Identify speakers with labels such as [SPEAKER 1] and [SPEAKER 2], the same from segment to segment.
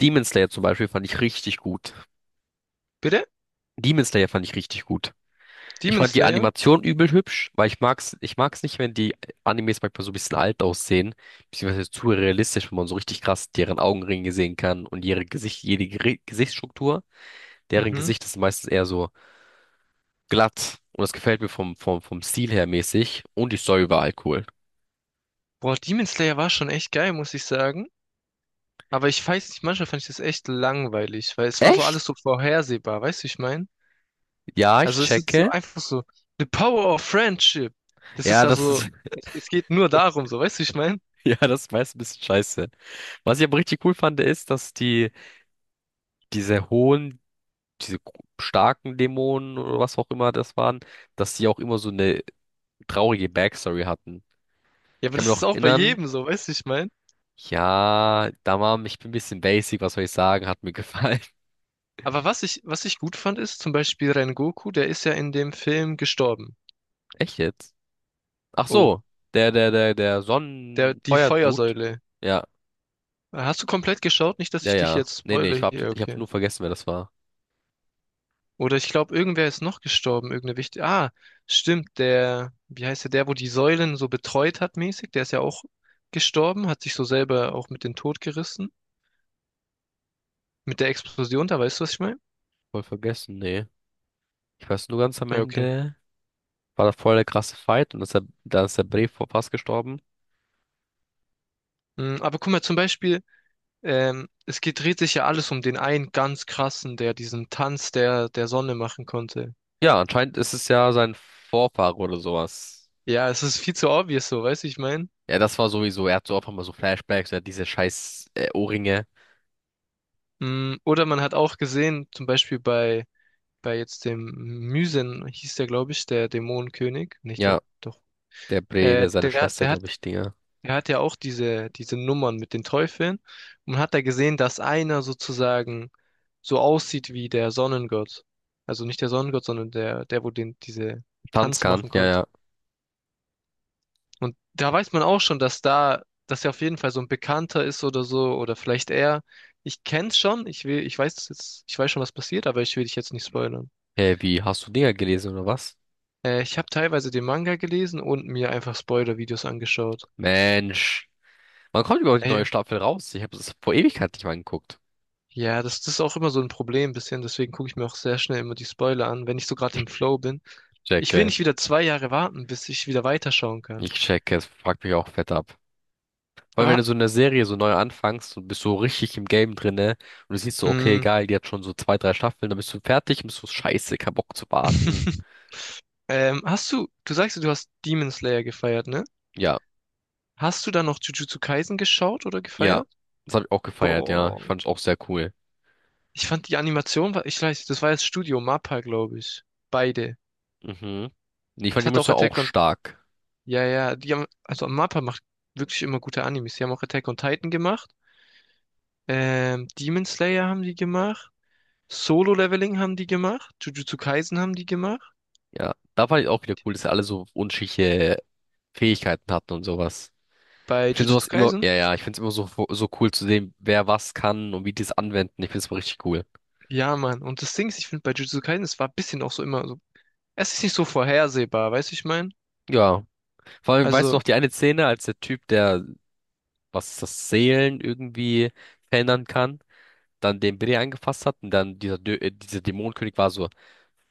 [SPEAKER 1] Demon Slayer zum Beispiel fand ich richtig gut.
[SPEAKER 2] Bitte?
[SPEAKER 1] Demon Slayer fand ich richtig gut. Ich
[SPEAKER 2] Demon
[SPEAKER 1] fand die
[SPEAKER 2] Slayer?
[SPEAKER 1] Animation übel hübsch, weil ich mag's nicht, wenn die Animes manchmal so ein bisschen alt aussehen, beziehungsweise zu realistisch, wenn man so richtig krass deren Augenringe sehen kann und ihre Gesicht, jede Gesichtsstruktur. Deren
[SPEAKER 2] Mhm.
[SPEAKER 1] Gesicht ist meistens eher so glatt und das gefällt mir vom Stil her mäßig und die Story war halt cool.
[SPEAKER 2] Boah, Demon Slayer war schon echt geil, muss ich sagen. Aber ich weiß nicht, manchmal fand ich das echt langweilig, weil es war so
[SPEAKER 1] Echt?
[SPEAKER 2] alles so vorhersehbar, weißt du, wie ich meine?
[SPEAKER 1] Ja, ich
[SPEAKER 2] Also es ist so
[SPEAKER 1] checke.
[SPEAKER 2] einfach so, the power of friendship. Das ist
[SPEAKER 1] Ja, das
[SPEAKER 2] also,
[SPEAKER 1] ist,
[SPEAKER 2] es geht nur darum, so, weißt du, wie ich meine?
[SPEAKER 1] ja, das ist meist ein bisschen scheiße. Was ich aber richtig cool fand, ist, dass die diese hohen starken Dämonen oder was auch immer das waren, dass die auch immer so eine traurige Backstory hatten.
[SPEAKER 2] Ja,
[SPEAKER 1] Ich
[SPEAKER 2] aber
[SPEAKER 1] kann mir
[SPEAKER 2] das ist
[SPEAKER 1] noch
[SPEAKER 2] auch bei
[SPEAKER 1] erinnern,
[SPEAKER 2] jedem so, weißt du, wie ich meine?
[SPEAKER 1] ja, da war ich bin ein bisschen basic, was soll ich sagen, hat mir gefallen.
[SPEAKER 2] Aber was ich gut fand, ist zum Beispiel Rengoku, der ist ja in dem Film gestorben.
[SPEAKER 1] Echt jetzt? Ach
[SPEAKER 2] Oh,
[SPEAKER 1] so, der
[SPEAKER 2] die
[SPEAKER 1] Sonnenfeuer-Dude.
[SPEAKER 2] Feuersäule.
[SPEAKER 1] Ja,
[SPEAKER 2] Hast du komplett geschaut? Nicht, dass
[SPEAKER 1] ja,
[SPEAKER 2] ich dich
[SPEAKER 1] ja.
[SPEAKER 2] jetzt
[SPEAKER 1] Nee, nee,
[SPEAKER 2] spoile
[SPEAKER 1] ich hab,
[SPEAKER 2] hier,
[SPEAKER 1] ich hab
[SPEAKER 2] okay.
[SPEAKER 1] nur vergessen, wer das war.
[SPEAKER 2] Oder ich glaube, irgendwer ist noch gestorben, irgendeine wichtige. Ah, stimmt, der, wie heißt der, der, wo die Säulen so betreut hat, mäßig, der ist ja auch gestorben, hat sich so selber auch mit dem Tod gerissen. Mit der Explosion, da weißt du, was ich meine?
[SPEAKER 1] Voll vergessen, nee. Ich weiß nur ganz am
[SPEAKER 2] Ja, okay.
[SPEAKER 1] Ende, war da voll der krasse Fight und ist der, da ist der Brave vor fast gestorben.
[SPEAKER 2] Aber guck mal, zum Beispiel, dreht sich ja alles um den einen ganz krassen, der diesen Tanz der Sonne machen konnte.
[SPEAKER 1] Ja, anscheinend ist es ja sein Vorfahre oder sowas.
[SPEAKER 2] Ja, es ist viel zu obvious so, weißt du, ich meine?
[SPEAKER 1] Ja, das war sowieso, er hat so auch immer so Flashbacks, er hat diese scheiß Ohrringe.
[SPEAKER 2] Oder man hat auch gesehen, zum Beispiel bei, jetzt dem Mysen hieß der, glaube ich, der Dämonenkönig, nicht der,
[SPEAKER 1] Ja,
[SPEAKER 2] doch.
[SPEAKER 1] der Bre,
[SPEAKER 2] Äh,
[SPEAKER 1] der seine
[SPEAKER 2] der,
[SPEAKER 1] Schwester,
[SPEAKER 2] der hat,
[SPEAKER 1] glaube ich, Dinger.
[SPEAKER 2] Der hat ja auch diese Nummern mit den Teufeln und hat da gesehen, dass einer sozusagen so aussieht wie der Sonnengott. Also nicht der Sonnengott, sondern der, der, wo diese
[SPEAKER 1] Tanz,
[SPEAKER 2] Tanz
[SPEAKER 1] ja,
[SPEAKER 2] machen konnte.
[SPEAKER 1] ja.
[SPEAKER 2] Und da weiß man auch schon, dass da, dass er auf jeden Fall so ein Bekannter ist oder so, oder vielleicht er. Ich kenn's schon, ich will, ich weiß jetzt, ich weiß schon, was passiert, aber ich will dich jetzt nicht spoilern.
[SPEAKER 1] Hey, wie, hast du Dinger gelesen oder was?
[SPEAKER 2] Ich habe teilweise den Manga gelesen und mir einfach Spoiler-Videos angeschaut.
[SPEAKER 1] Mensch, wann kommt überhaupt die
[SPEAKER 2] Ey,
[SPEAKER 1] neue Staffel raus? Ich habe es vor Ewigkeit nicht mal geguckt.
[SPEAKER 2] ja, das ist auch immer so ein Problem bisschen, deswegen gucke ich mir auch sehr schnell immer die Spoiler an, wenn ich so gerade im Flow bin.
[SPEAKER 1] Ich
[SPEAKER 2] Ich will
[SPEAKER 1] checke,
[SPEAKER 2] nicht wieder 2 Jahre warten, bis ich wieder weiterschauen
[SPEAKER 1] ich
[SPEAKER 2] kann.
[SPEAKER 1] checke, es fuckt mich auch fett ab. Vor allem, wenn
[SPEAKER 2] Aber,
[SPEAKER 1] du so eine Serie so neu anfängst und bist so richtig im Game drinne und du siehst so, okay,
[SPEAKER 2] mh,
[SPEAKER 1] geil, die hat schon so zwei, drei Staffeln, dann bist du fertig und bist so, scheiße, kein Bock zu warten.
[SPEAKER 2] hast du, du, sagst, ja, du hast Demon Slayer gefeiert, ne?
[SPEAKER 1] Ja,
[SPEAKER 2] Hast du dann noch Jujutsu Kaisen geschaut oder
[SPEAKER 1] ja,
[SPEAKER 2] gefeiert?
[SPEAKER 1] das habe ich auch gefeiert, ja. Ich
[SPEAKER 2] Boah,
[SPEAKER 1] fand es auch sehr cool.
[SPEAKER 2] ich fand die Animation war, ich weiß, das war jetzt Studio MAPPA, glaube ich. Beide.
[SPEAKER 1] Mhm. Nee, ich fand
[SPEAKER 2] Es
[SPEAKER 1] die
[SPEAKER 2] hat auch
[SPEAKER 1] Munition auch
[SPEAKER 2] Attack on,
[SPEAKER 1] stark.
[SPEAKER 2] Ja, ja, also MAPPA macht wirklich immer gute Animes. Die haben auch Attack on Titan gemacht. Demon Slayer haben die gemacht. Solo-Leveling haben die gemacht, Jujutsu Kaisen haben die gemacht.
[SPEAKER 1] Ja, da fand ich auch wieder cool, dass sie alle so unterschiedliche Fähigkeiten hatten und sowas.
[SPEAKER 2] Bei
[SPEAKER 1] Ich finde sowas
[SPEAKER 2] Jujutsu
[SPEAKER 1] immer,
[SPEAKER 2] Kaisen?
[SPEAKER 1] ja, ja, ich finde es immer so, so cool zu sehen, wer was kann und wie die es anwenden. Ich finde es richtig cool.
[SPEAKER 2] Ja, Mann. Und das Ding ist, ich finde bei Jujutsu Kaisen, es war ein bisschen auch so immer so. Es ist nicht so vorhersehbar, weißt du, wie ich meine?
[SPEAKER 1] Ja, vor allem, weißt du
[SPEAKER 2] Also,
[SPEAKER 1] noch, die eine Szene, als der Typ, der, was ist das, Seelen irgendwie verändern kann, dann den Brie angefasst hat und dann dieser, Dö dieser Dämonenkönig war so,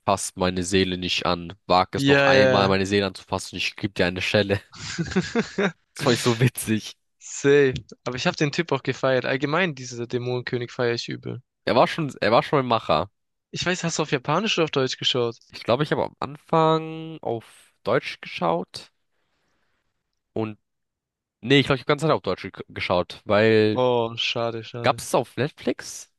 [SPEAKER 1] fass meine Seele nicht an, wag es noch
[SPEAKER 2] ja,
[SPEAKER 1] einmal,
[SPEAKER 2] ja.
[SPEAKER 1] meine Seele anzufassen, ich geb dir eine Schelle.
[SPEAKER 2] Ja.
[SPEAKER 1] Das fand ich so witzig.
[SPEAKER 2] Safe. Aber ich habe den Tipp auch gefeiert. Allgemein, diese Dämonenkönig feiere ich übel.
[SPEAKER 1] Er war schon ein Macher.
[SPEAKER 2] Ich weiß, hast du auf Japanisch oder auf Deutsch geschaut?
[SPEAKER 1] Ich glaube, ich habe am Anfang auf Deutsch geschaut und nee, ich glaube, ich habe ganze Zeit auf Deutsch geschaut, weil
[SPEAKER 2] Oh, schade,
[SPEAKER 1] gab
[SPEAKER 2] schade.
[SPEAKER 1] es auf Netflix?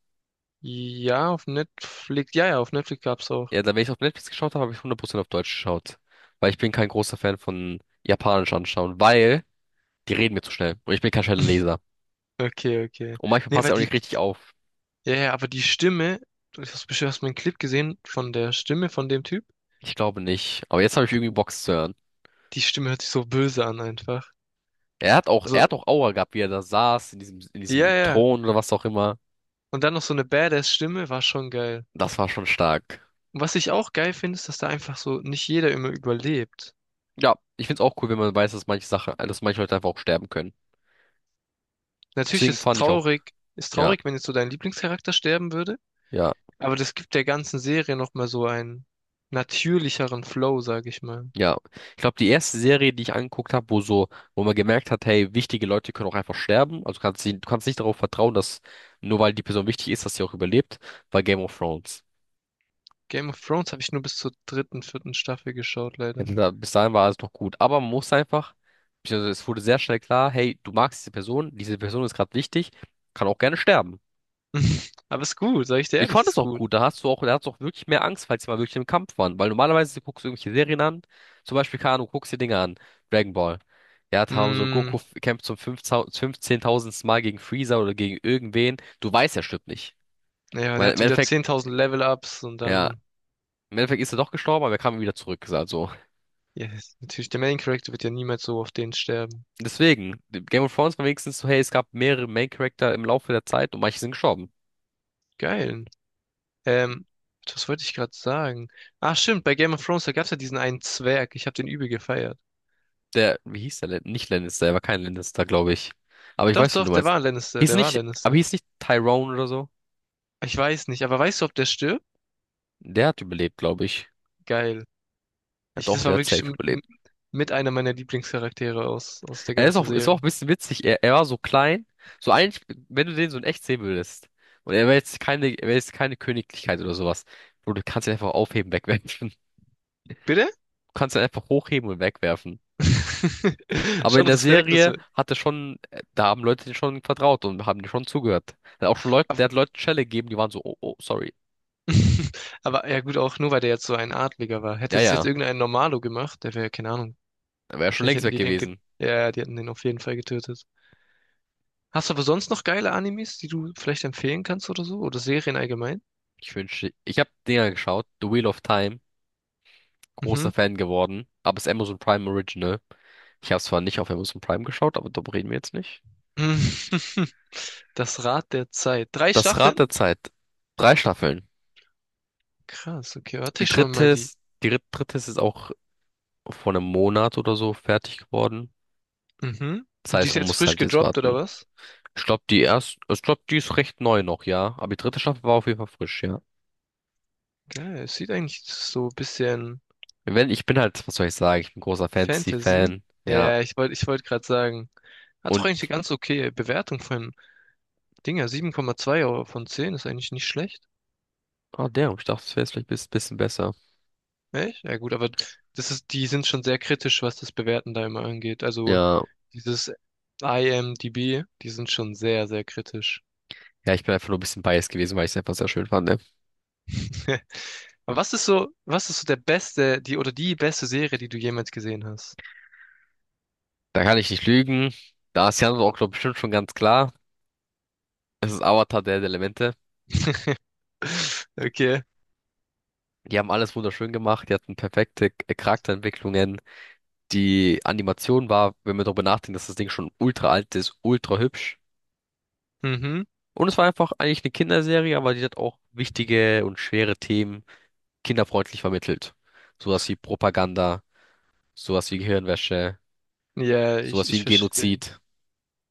[SPEAKER 2] Ja, auf Netflix. Ja, ja, auf Netflix gab's auch.
[SPEAKER 1] Ja, dann, wenn ich auf Netflix geschaut habe, habe ich 100% auf Deutsch geschaut, weil ich bin kein großer Fan von Japanisch anschauen, weil die reden mir zu schnell und ich bin kein schneller Leser.
[SPEAKER 2] Okay, okay.
[SPEAKER 1] Und manchmal
[SPEAKER 2] Nee,
[SPEAKER 1] passt
[SPEAKER 2] weil
[SPEAKER 1] er auch
[SPEAKER 2] die
[SPEAKER 1] nicht richtig auf.
[SPEAKER 2] ja, ja, aber die Stimme, du hast bestimmt hast mal einen Clip gesehen von der Stimme von dem Typ.
[SPEAKER 1] Ich glaube nicht. Aber jetzt habe ich irgendwie Bock es zu hören.
[SPEAKER 2] Die Stimme hört sich so böse an einfach.
[SPEAKER 1] Er hat
[SPEAKER 2] So,
[SPEAKER 1] auch Aura gehabt, wie er da saß, in diesem, in
[SPEAKER 2] ja,
[SPEAKER 1] diesem
[SPEAKER 2] ja.
[SPEAKER 1] Thron oder was auch immer.
[SPEAKER 2] Und dann noch so eine Badass-Stimme war schon geil.
[SPEAKER 1] Das war schon stark.
[SPEAKER 2] Und was ich auch geil finde, ist, dass da einfach so nicht jeder immer überlebt.
[SPEAKER 1] Ja, ich find's auch cool, wenn man weiß, dass manche Sachen, dass manche Leute einfach auch sterben können.
[SPEAKER 2] Natürlich
[SPEAKER 1] Deswegen fand ich auch,
[SPEAKER 2] ist
[SPEAKER 1] ja,
[SPEAKER 2] traurig, wenn jetzt so dein Lieblingscharakter sterben würde,
[SPEAKER 1] ja,
[SPEAKER 2] aber das gibt der ganzen Serie nochmal so einen natürlicheren Flow, sag ich mal.
[SPEAKER 1] ja. Ich glaube, die erste Serie, die ich angeguckt habe, wo so, wo man gemerkt hat, hey, wichtige Leute können auch einfach sterben. Also kannst sie, du kannst nicht darauf vertrauen, dass nur weil die Person wichtig ist, dass sie auch überlebt, war Game of Thrones.
[SPEAKER 2] Game of Thrones habe ich nur bis zur dritten, vierten Staffel geschaut,
[SPEAKER 1] Ja,
[SPEAKER 2] leider.
[SPEAKER 1] da, bis dahin war alles noch gut. Aber man muss einfach, beziehungsweise es wurde sehr schnell klar, hey, du magst diese Person ist gerade wichtig, kann auch gerne sterben.
[SPEAKER 2] Aber ist gut, sag ich dir
[SPEAKER 1] Ich
[SPEAKER 2] ehrlich,
[SPEAKER 1] fand es
[SPEAKER 2] ist
[SPEAKER 1] auch
[SPEAKER 2] gut.
[SPEAKER 1] gut. Da hast du auch wirklich mehr Angst, falls sie mal wirklich im Kampf waren. Weil normalerweise guckst du irgendwelche Serien an. Zum Beispiel, keine Ahnung, guckst dir Dinge an. Dragon Ball. Ja, da haben so
[SPEAKER 2] Mm,
[SPEAKER 1] Goku kämpft zum 15.000. Mal gegen Freezer oder gegen irgendwen. Du weißt, er stirbt nicht.
[SPEAKER 2] ja, der
[SPEAKER 1] Weil im
[SPEAKER 2] hatte wieder
[SPEAKER 1] Endeffekt,
[SPEAKER 2] 10.000 Level-Ups und
[SPEAKER 1] ja,
[SPEAKER 2] dann,
[SPEAKER 1] im Endeffekt ist er doch gestorben, aber er kam wieder zurück. Also,
[SPEAKER 2] ja, natürlich der Main-Character wird ja niemals so auf den sterben.
[SPEAKER 1] deswegen, Game of Thrones war wenigstens so, hey, es gab mehrere Main-Charakter im Laufe der Zeit und manche sind gestorben.
[SPEAKER 2] Geil. Ähm, Was wollte ich gerade sagen? Ach stimmt, bei Game of Thrones, da gab's ja diesen einen Zwerg. Ich habe den übel gefeiert.
[SPEAKER 1] Der, wie hieß der denn? Nicht Lannister, er war kein Lannister, glaube ich. Aber ich
[SPEAKER 2] Doch,
[SPEAKER 1] weiß, wen du
[SPEAKER 2] doch, der
[SPEAKER 1] meinst.
[SPEAKER 2] war Lannister,
[SPEAKER 1] Hieß
[SPEAKER 2] der war
[SPEAKER 1] nicht, aber
[SPEAKER 2] Lannister.
[SPEAKER 1] hieß nicht Tyrone oder so?
[SPEAKER 2] Ich weiß nicht, aber weißt du, ob der stirbt?
[SPEAKER 1] Der hat überlebt, glaube ich.
[SPEAKER 2] Geil.
[SPEAKER 1] Ja doch,
[SPEAKER 2] Das
[SPEAKER 1] der
[SPEAKER 2] war
[SPEAKER 1] hat
[SPEAKER 2] wirklich
[SPEAKER 1] safe überlebt.
[SPEAKER 2] mit einer meiner Lieblingscharaktere aus der
[SPEAKER 1] Er
[SPEAKER 2] ganzen
[SPEAKER 1] ist auch
[SPEAKER 2] Serie.
[SPEAKER 1] ein bisschen witzig. Er war so klein. So eigentlich, wenn du den so in echt sehen würdest. Und er wäre jetzt keine Königlichkeit oder sowas. Bro, du kannst ihn einfach aufheben, wegwerfen.
[SPEAKER 2] Bitte?
[SPEAKER 1] Du kannst ihn einfach hochheben und wegwerfen. Aber in
[SPEAKER 2] Schon
[SPEAKER 1] der
[SPEAKER 2] Respekt. Das
[SPEAKER 1] Serie hat er schon, da haben Leute den schon vertraut und haben den schon zugehört. Er hat auch schon Leute, der hat Leuten Schelle gegeben, die waren so, oh, oh, sorry.
[SPEAKER 2] Aber ja gut, auch nur weil der jetzt so ein Adliger war.
[SPEAKER 1] Ja,
[SPEAKER 2] Hätte das jetzt
[SPEAKER 1] ja.
[SPEAKER 2] irgendein Normalo gemacht, der wäre, keine Ahnung.
[SPEAKER 1] Dann wäre schon
[SPEAKER 2] Wahrscheinlich
[SPEAKER 1] längst
[SPEAKER 2] hätten
[SPEAKER 1] weg
[SPEAKER 2] die den, ge
[SPEAKER 1] gewesen.
[SPEAKER 2] ja, die hätten den auf jeden Fall getötet. Hast du aber sonst noch geile Animes, die du vielleicht empfehlen kannst oder so? Oder Serien allgemein?
[SPEAKER 1] Ich wünschte, ich habe Dinger geschaut, The Wheel of Time,
[SPEAKER 2] Mhm.
[SPEAKER 1] großer Fan geworden, aber es ist Amazon Prime Original. Ich habe zwar nicht auf Amazon Prime geschaut, aber darüber reden wir jetzt nicht.
[SPEAKER 2] Das Rad der Zeit. Drei
[SPEAKER 1] Das Rad
[SPEAKER 2] Staffeln?
[SPEAKER 1] der Zeit, drei Staffeln.
[SPEAKER 2] Krass, okay, warte
[SPEAKER 1] Die
[SPEAKER 2] ich schon
[SPEAKER 1] dritte
[SPEAKER 2] mal die.
[SPEAKER 1] ist, dritte ist jetzt auch vor einem Monat oder so fertig geworden.
[SPEAKER 2] Mhm.
[SPEAKER 1] Das
[SPEAKER 2] Und die
[SPEAKER 1] heißt,
[SPEAKER 2] ist
[SPEAKER 1] man
[SPEAKER 2] jetzt
[SPEAKER 1] muss
[SPEAKER 2] frisch
[SPEAKER 1] halt jetzt
[SPEAKER 2] gedroppt oder
[SPEAKER 1] warten.
[SPEAKER 2] was?
[SPEAKER 1] Ich glaube, die erste, ich glaube, die ist recht neu noch, ja. Aber die dritte Staffel war auf jeden Fall frisch, ja.
[SPEAKER 2] Geil, es sieht eigentlich so ein bisschen
[SPEAKER 1] Wenn, ich bin halt, was soll ich sagen, ich bin großer
[SPEAKER 2] Fantasy.
[SPEAKER 1] Fantasy-Fan, ja.
[SPEAKER 2] Ja, ich wollt gerade sagen. Hat doch eigentlich eine
[SPEAKER 1] Und,
[SPEAKER 2] ganz okay Bewertung von Dinger, 7,2 von 10 ist eigentlich nicht schlecht.
[SPEAKER 1] ah, der, ich dachte, es wäre vielleicht ein bisschen besser.
[SPEAKER 2] Echt? Ja gut, aber die sind schon sehr kritisch, was das Bewerten da immer angeht. Also
[SPEAKER 1] Ja,
[SPEAKER 2] dieses IMDb, die sind schon sehr, sehr kritisch.
[SPEAKER 1] ja, ich bin einfach nur ein bisschen biased gewesen, weil ich es einfach sehr schön fand. Ne?
[SPEAKER 2] Aber was ist so der beste, die beste Serie, die du jemals gesehen hast?
[SPEAKER 1] Da kann ich nicht lügen. Da ist Jan auch, glaube bestimmt schon ganz klar. Es ist Avatar der Elemente.
[SPEAKER 2] Okay.
[SPEAKER 1] Die haben alles wunderschön gemacht. Die hatten perfekte Charakterentwicklungen. Die Animation war, wenn wir darüber nachdenken, dass das Ding schon ultra alt ist, ultra hübsch.
[SPEAKER 2] Mhm.
[SPEAKER 1] Und es war einfach eigentlich eine Kinderserie, aber die hat auch wichtige und schwere Themen kinderfreundlich vermittelt. Sowas wie Propaganda, sowas wie Gehirnwäsche,
[SPEAKER 2] Ja, ich,
[SPEAKER 1] sowas wie
[SPEAKER 2] ich
[SPEAKER 1] ein
[SPEAKER 2] verstehe.
[SPEAKER 1] Genozid.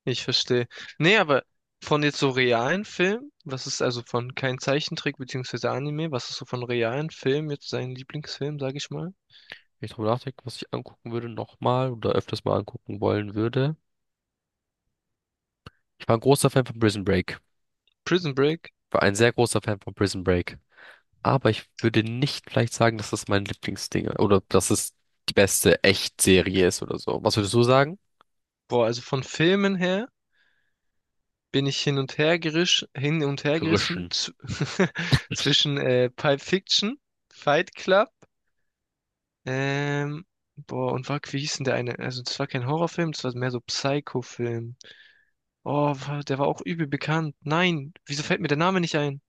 [SPEAKER 2] Ich verstehe. Nee, aber von jetzt so realen Filmen, was ist also von kein Zeichentrick beziehungsweise Anime, was ist so von realen Filmen jetzt sein Lieblingsfilm, sag ich mal?
[SPEAKER 1] Wenn ich drüber nachdenke, was ich angucken würde nochmal oder öfters mal angucken wollen würde. Ich war ein großer Fan von Prison Break.
[SPEAKER 2] Prison Break.
[SPEAKER 1] War ein sehr großer Fan von Prison Break. Aber ich würde nicht vielleicht sagen, dass das mein Lieblingsding oder dass es die beste Echtserie ist oder so. Was würdest du sagen?
[SPEAKER 2] Boah, also von Filmen her bin ich hin und her gerissen
[SPEAKER 1] Grischen.
[SPEAKER 2] zwischen Pulp Fiction, Fight Club, ähm, boah, und wie hieß denn der eine? Also das war kein Horrorfilm, das war mehr so Psycho-Film. Oh, der war auch übel bekannt. Nein, wieso fällt mir der Name nicht ein?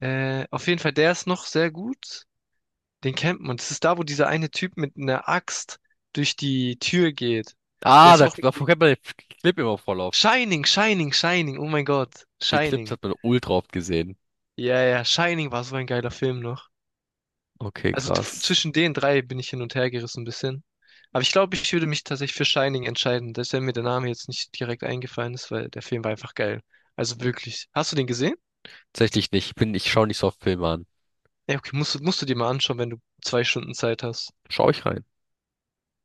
[SPEAKER 2] Auf jeden Fall, der ist noch sehr gut. Den kennt man. Das ist da, wo dieser eine Typ mit einer Axt durch die Tür geht. Der
[SPEAKER 1] Ah,
[SPEAKER 2] ist
[SPEAKER 1] da,
[SPEAKER 2] auch
[SPEAKER 1] davon
[SPEAKER 2] richtig.
[SPEAKER 1] kennt man den Clip immer voll oft.
[SPEAKER 2] Shining, Shining, Shining. Oh mein Gott.
[SPEAKER 1] Die Clips
[SPEAKER 2] Shining.
[SPEAKER 1] hat man ultra oft gesehen.
[SPEAKER 2] Ja, ja, Shining war so ein geiler Film noch.
[SPEAKER 1] Okay,
[SPEAKER 2] Also
[SPEAKER 1] krass.
[SPEAKER 2] zwischen den drei bin ich hin und her gerissen ein bisschen. Aber ich glaube, ich würde mich tatsächlich für Shining entscheiden, dass mir der Name jetzt nicht direkt eingefallen ist, weil der Film war einfach geil. Also wirklich. Hast du den gesehen?
[SPEAKER 1] Tatsächlich nicht. Ich schaue nicht so oft Filme an.
[SPEAKER 2] Ja, okay, musst du dir mal anschauen, wenn du 2 Stunden Zeit hast.
[SPEAKER 1] Schau ich rein.